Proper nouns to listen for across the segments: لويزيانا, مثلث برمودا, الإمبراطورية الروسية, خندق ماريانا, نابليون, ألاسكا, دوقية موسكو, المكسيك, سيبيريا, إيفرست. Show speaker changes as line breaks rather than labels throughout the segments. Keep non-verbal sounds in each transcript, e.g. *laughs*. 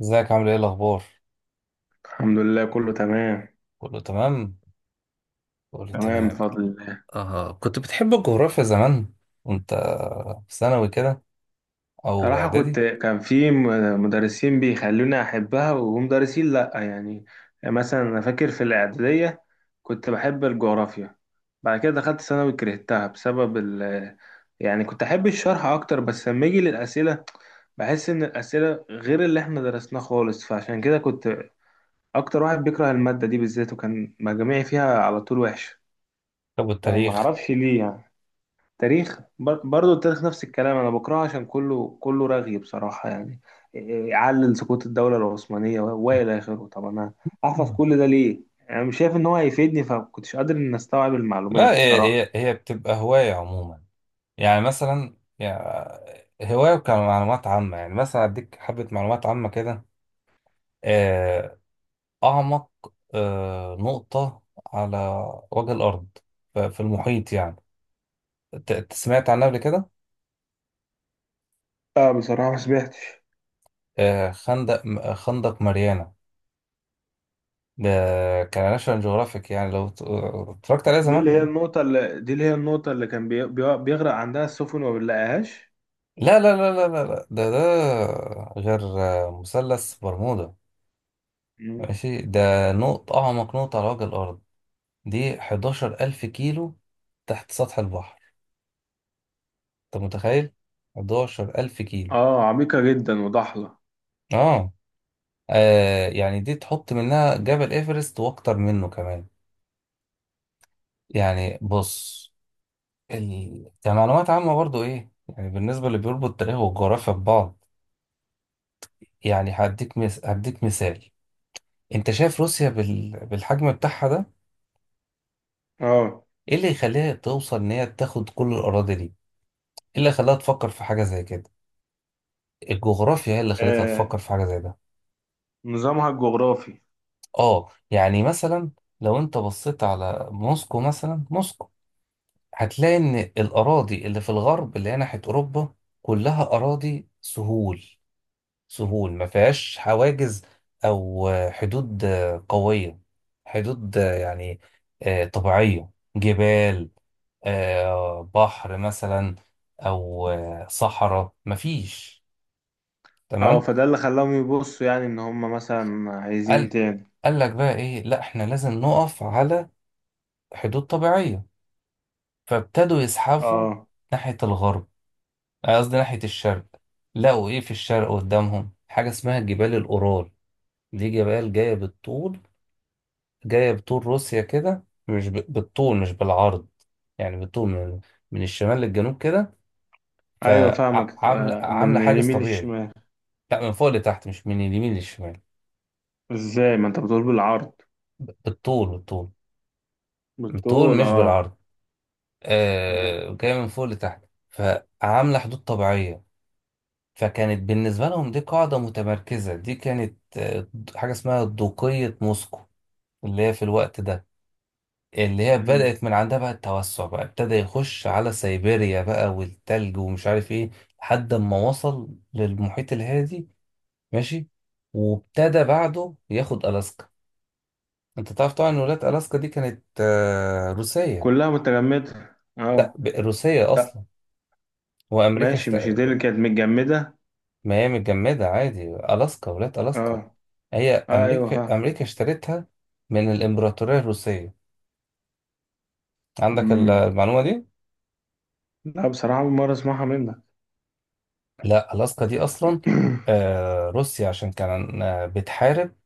ازيك عامل ايه الاخبار؟
الحمد لله، كله تمام.
كله تمام. كله
تمام
تمام.
بفضل الله.
آه، كنت بتحب الجغرافيا زمان وانت في ثانوي كده او
صراحة
اعدادي؟
كان في مدرسين بيخلوني أحبها، ومدرسين لأ. يعني مثلا أنا فاكر في الإعدادية كنت بحب الجغرافيا، بعد كده دخلت ثانوي كرهتها بسبب يعني كنت أحب الشرح أكتر، بس لما أجي للأسئلة بحس إن الأسئلة غير اللي إحنا درسناه خالص، فعشان كده كنت أكتر واحد بيكره المادة دي بالذات، وكان مجاميعي فيها على طول وحشة.
طب التاريخ؟
فمعرفش ليه يعني. برضه التاريخ نفس الكلام، انا بكرهه عشان كله رغي بصراحه. يعني إيه، يعلل سقوط الدوله العثمانيه والى اخره. طب انا احفظ كل ده ليه؟ انا مش شايف ان هو هيفيدني، فكنتش قادر ان استوعب المعلومات
لا، هي
بصراحه.
هي هي بتبقى هواية عموما. يعني مثلا، يعني هواية كمعلومات عامة. يعني مثلا أديك حبة معلومات عامة كده. آه، أعمق نقطة على وجه الأرض، في المحيط، يعني سمعت عنها قبل كده؟
لا بصراحة ما سمعتش.
آه، خندق خندق ماريانا ده كان ناشونال جيوغرافيك، يعني لو اتفرجت عليه زمان.
دي اللي هي النقطه اللي كان بيغرق عندها السفن وما بنلاقيهاش؟
لا، لا، لا، لا، لا، لا. ده غير مثلث برمودا.
مم.
ماشي، ده نقط أعمق نقطة على وجه الأرض. دي 11000 ألف كيلو تحت سطح البحر. أنت متخيل؟ 11000 ألف كيلو.
اه، عميقه جدا وضحله.
آه. آه، يعني دي تحط منها جبل إيفرست وأكتر منه كمان. يعني بص، كمعلومات عامة برضو، إيه يعني بالنسبة اللي بيربط التاريخ والجغرافيا ببعض. يعني هديك مثال. انت شايف روسيا بالحجم بتاعها ده؟
اه.
ايه اللي يخليها توصل ان هي تاخد كل الاراضي دي؟ ايه اللي خلاها تفكر في حاجه زي كده؟ الجغرافيا هي اللي خلتها
آه،
تفكر في حاجه زي ده.
نظامها الجغرافي.
اه، يعني مثلا، لو انت بصيت على موسكو، مثلا موسكو هتلاقي ان الاراضي اللي في الغرب، اللي هي ناحيه اوروبا، كلها اراضي سهول. سهول ما فيهاش حواجز، او حدود قويه، حدود يعني طبيعيه، جبال، بحر مثلا، او صحراء، ما فيش.
اه،
تمام.
فده اللي خلاهم يبصوا، يعني ان هم مثلا عايزين
قال
تاني.
قال لك بقى ايه، لا، احنا لازم نقف على حدود طبيعيه. فابتدوا يزحفوا
اه
ناحيه الغرب، قصدي ناحيه الشرق. لقوا ايه في الشرق قدامهم؟ حاجه اسمها جبال الاورال. دي جبال جايه بالطول، جاية بطول روسيا كده، مش بالطول مش بالعرض. يعني بالطول، من الشمال للجنوب كده.
ايوه فاهمك.
فعاملة عاملة
من
حاجز
اليمين
طبيعي.
للشمال.
لا، من فوق لتحت مش من اليمين للشمال.
ازاي؟ ما انت بتقول بالعرض.
بالطول بالطول. بالطول
بالطول
مش
اه.
بالعرض.
تمام.
آه، جاية من فوق لتحت. فعاملة حدود طبيعية. فكانت بالنسبة لهم دي قاعدة متمركزة. دي كانت حاجة اسمها دوقية موسكو، اللي هي في الوقت ده، اللي هي
مم.
بدأت من عندها بقى التوسع، بقى ابتدى يخش على سيبيريا بقى والتلج ومش عارف ايه لحد ما وصل للمحيط الهادي. ماشي، وابتدى بعده ياخد ألاسكا. انت تعرف طبعا ان ولاية ألاسكا دي كانت روسية.
كلها متجمدة
لا،
اه.
روسية
طب.
اصلا. وامريكا
ماشي، مش دي اللي كانت متجمدة؟
ما هي متجمدة عادي. ألاسكا، ولاية
اه.
ألاسكا، هي
آه، ايوه
امريكا
فاهم.
امريكا اشترتها من الامبراطورية الروسية. عندك
مم.
المعلومة دي؟
لا بصراحة أول مرة أسمعها منك.
لا، ألاسكا دي أصلا،
*clears throat*
روسيا عشان كان بتحارب،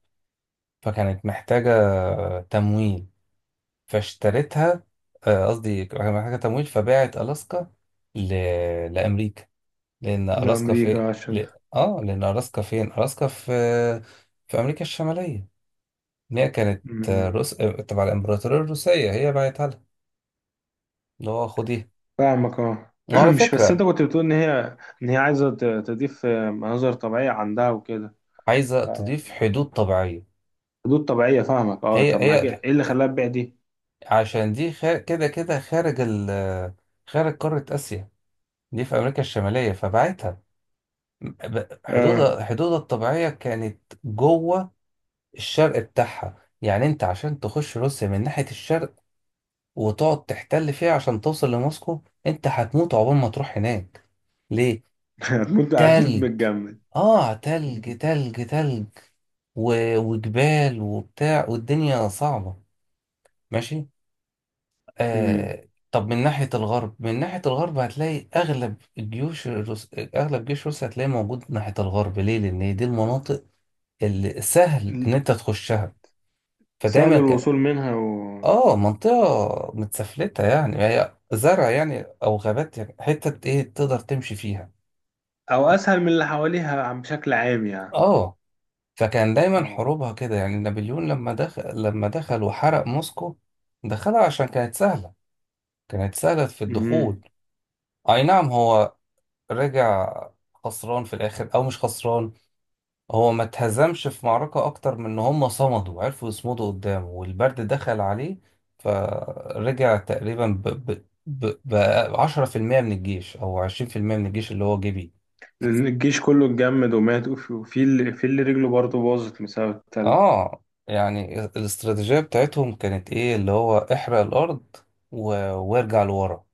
فكانت محتاجة تمويل فاشترتها. قصدي كانت محتاجة تمويل فباعت ألاسكا ل... لأمريكا. لأن ألاسكا في
لأمريكا عشان.
لأن ألاسكا فين؟ ألاسكا في أمريكا الشمالية. إن هي كانت آه،
مم.
روس آه، تبع الإمبراطورية الروسية، هي باعتها لها اللي هو خديها.
فاهمك اه.
وعلى
*clears throat* مش بس أنت
فكرة،
كنت بتقول إن هي عايزة تضيف مناظر طبيعية عندها وكده.
عايزة
آه،
تضيف
يعني
حدود طبيعية.
حدود طبيعية. فاهمك اه.
هي
طب ما كده
هي
إيه اللي خلاها تبيع دي؟
عشان دي كده كده خارج خارج قارة آسيا. دي في أمريكا الشمالية فبعتها.
اه.
حدودها الطبيعية كانت جوه الشرق بتاعها. يعني أنت عشان تخش روسيا من ناحية الشرق وتقعد تحتل فيها عشان توصل لموسكو، أنت هتموت عقبال ما تروح هناك. ليه؟
*laughs* هتموت، هتموت
تلج.
متجمد.
آه، تلج تلج تلج وجبال وبتاع والدنيا صعبة. ماشي.
مم.
طب من ناحية الغرب، من ناحية الغرب هتلاقي أغلب الجيوش أغلب جيش روسيا هتلاقيه موجود من ناحية الغرب. ليه؟ لأن هي دي المناطق اللي سهل إن أنت تخشها.
سهل
فدايما
الوصول منها و...
منطقة متسفلتة، يعني هي زرع يعني، أو غابات، يعني حتة إيه تقدر تمشي فيها.
او اسهل من اللي حواليها بشكل عام يعني.
آه، فكان دايما
اه.
حروبها كده. يعني نابليون لما دخل وحرق موسكو، دخلها عشان كانت سهلة، كانت سهلة في
مم.
الدخول. أي نعم، هو رجع خسران في الاخر، او مش خسران، هو ما اتهزمش في معركة اكتر من ان هم صمدوا، عرفوا يصمدوا قدامه والبرد دخل عليه. فرجع تقريبا ب 10% من الجيش او 20% من الجيش اللي هو جه بيه.
لان الجيش كله اتجمد ومات، وفي اللي رجله برضه باظت بسبب التلج.
اه، يعني الاستراتيجية بتاعتهم كانت ايه؟ اللي هو احرق الارض و... وارجع لورا.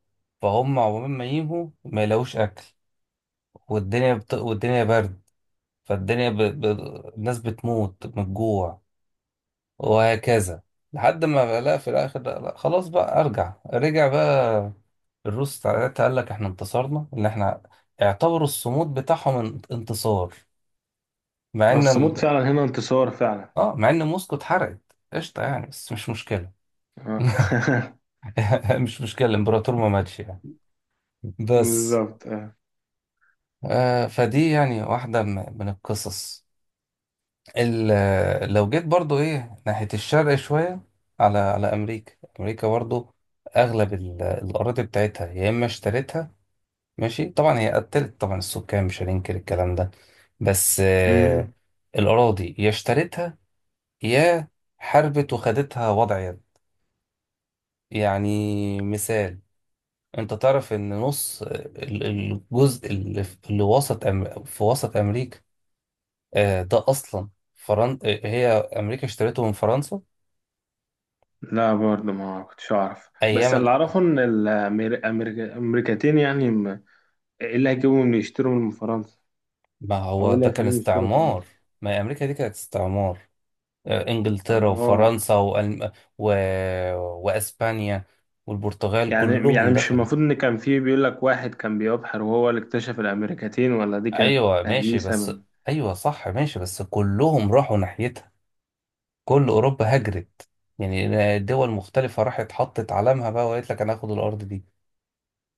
فهم عقبال ما ينهوا ما يلاقوش اكل، والدنيا والدنيا برد. فالدنيا ب... ب... الناس بتموت من الجوع وهكذا، لحد ما لا، في الاخر، لا لا، خلاص بقى، ارجع. رجع بقى. الروس ساعتها قال لك احنا انتصرنا، ان احنا اعتبروا الصمود بتاعهم انتصار. مع ان
بس موت
ال...
فعلا هنا انتصار فعلا.
اه، مع ان موسكو اتحرقت. قشطه يعني، بس مش مشكله.
آه.
*laughs*
*laughs*
مش مشكله، الامبراطور ما ماتش يعني، بس.
بالظبط آه.
آه، فدي يعني واحده من القصص. لو جيت برضو، ايه، ناحية الشرق شوية، على على أمريكا، أمريكا برضو أغلب الأراضي بتاعتها يا إما اشتريتها، ماشي، طبعا هي قتلت طبعا السكان، مش هننكر الكلام ده، بس
مم.
الأراضي يا اشتريتها، يا حاربت وخدتها وضع يد. يعني مثال، أنت تعرف إن نص الجزء اللي في اللي وسط في وسط أمريكا، ده أصلا فرن... آه، هي أمريكا اشتريته من فرنسا،
لا برضه ما كنتش اعرف، بس
ايام،
اللي اعرفه ان الامريكتين ايه اللي هيجيبهم يشتروا من فرنسا؟
ما
او
هو
ايه اللي
ده كان
هيخليهم يشتروا
استعمار.
فرنسا؟
ما هي امريكا دي كانت استعمار. انجلترا
دمار.
وفرنسا و... واسبانيا والبرتغال
يعني
كلهم
مش
دخلوا.
المفروض ان كان في بيقول لك واحد كان بيبحر وهو اللي اكتشف الامريكتين، ولا دي كانت
ايوه ماشي،
تهليسة
بس،
من...
ايوه صح ماشي، بس كلهم راحوا ناحيتها. كل اوروبا هجرت، يعني دول مختلفه راحت، حطت علامها بقى، وقالت لك انا هاخد الارض دي،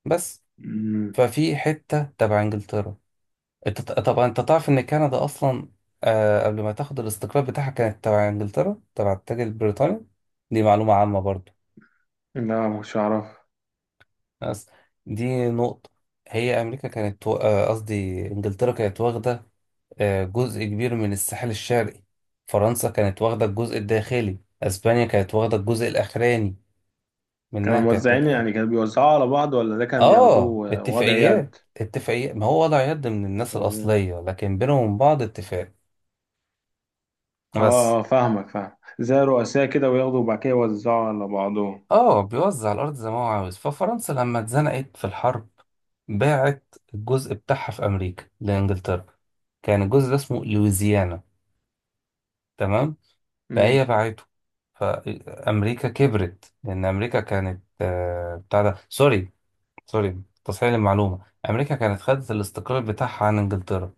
بس.
مم.
ففي حته تبع انجلترا. انت طبعا انت تعرف ان كندا اصلا، آه، قبل ما تاخد الاستقلال بتاعها، كانت تبع انجلترا، تبع التاج البريطاني. دي معلومة عامة برضو،
لا مش عارف.
بس. دي نقطة، هي امريكا كانت قصدي انجلترا كانت واخدة آه، جزء كبير من الساحل الشرقي. فرنسا كانت واخدة الجزء الداخلي، اسبانيا كانت واخدة الجزء الاخراني
كانوا
منها، كانت
موزعين، يعني كانوا بيوزعوا على بعض، ولا ده كان
اه،
بياخدوه وضع
اتفاقيات،
يد؟
اتفاقيات، ما هو وضع يد من الناس
تفاهمين.
الاصلية لكن بينهم بعض اتفاق، بس.
اه اه، فاهمك، فاهم. زي رؤساء كده، وياخدوا وبعد كده يوزعوا على بعضهم.
اه، بيوزع الارض زي ما هو عاوز. ففرنسا لما اتزنقت في الحرب، باعت الجزء بتاعها في امريكا لانجلترا. كان الجزء ده اسمه لويزيانا، تمام، فهي
امم.
باعته. فامريكا كبرت لان امريكا كانت بتاع ده، سوري، سوري، تصحيح المعلومه، امريكا كانت خدت الاستقلال بتاعها عن انجلترا،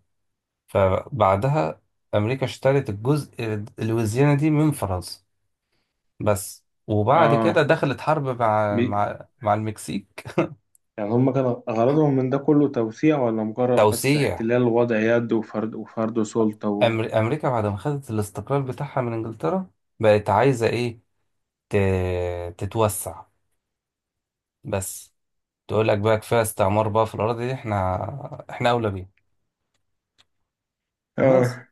فبعدها امريكا اشترت الجزء لويزيانا دي من فرنسا، بس. وبعد كده
اه
دخلت حرب مع
بي...
مع مع المكسيك.
يعني هم كان غرضهم من ده كله توسيع، ولا مجرد بس
توسيع.
احتلال وضع يد وفرض سلطة و...؟
أمريكا بعد ما خدت الاستقلال بتاعها من إنجلترا، بقت عايزة إيه؟ ت... تتوسع، بس. تقول لك بقى كفاية استعمار بقى في الأراضي دي، إحنا أولى بيها، بس.
اه.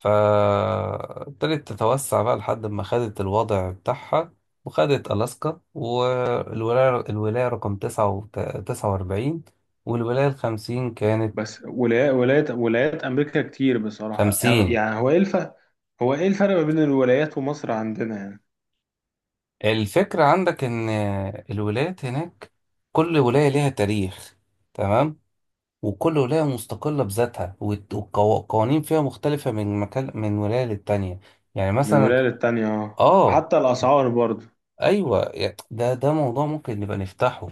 فابتدت تتوسع بقى لحد ما خدت الوضع بتاعها، وخدت ألاسكا، والولاية رقم 49، والولاية 50 كانت
بس ولايات، ولايات ولايات امريكا كتير بصراحه،
50.
يعني هو ايه الفرق ما بين الولايات ومصر عندنا يعني؟
الفكرة عندك إن الولايات هناك، كل ولاية ليها تاريخ، تمام، وكل ولاية مستقلة بذاتها، والقوانين فيها مختلفة من مكان، من ولاية للتانية. يعني
من
مثلا،
ولايه للتانيه اه،
اه،
وحتى الاسعار برضه.
ايوه، ده موضوع ممكن نبقى نفتحه.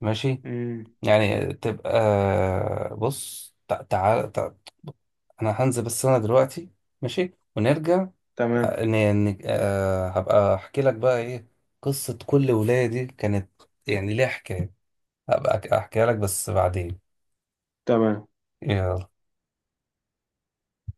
ماشي،
امم.
يعني تبقى، بص، تعال انا هنزل بس انا دلوقتي، ماشي، ونرجع،
تمام
هبقى احكي لك بقى ايه قصة كل ولاية. دي كانت يعني ليها حكاية، هبقى احكيها لك، بس بعدين.
تمام.
يلا.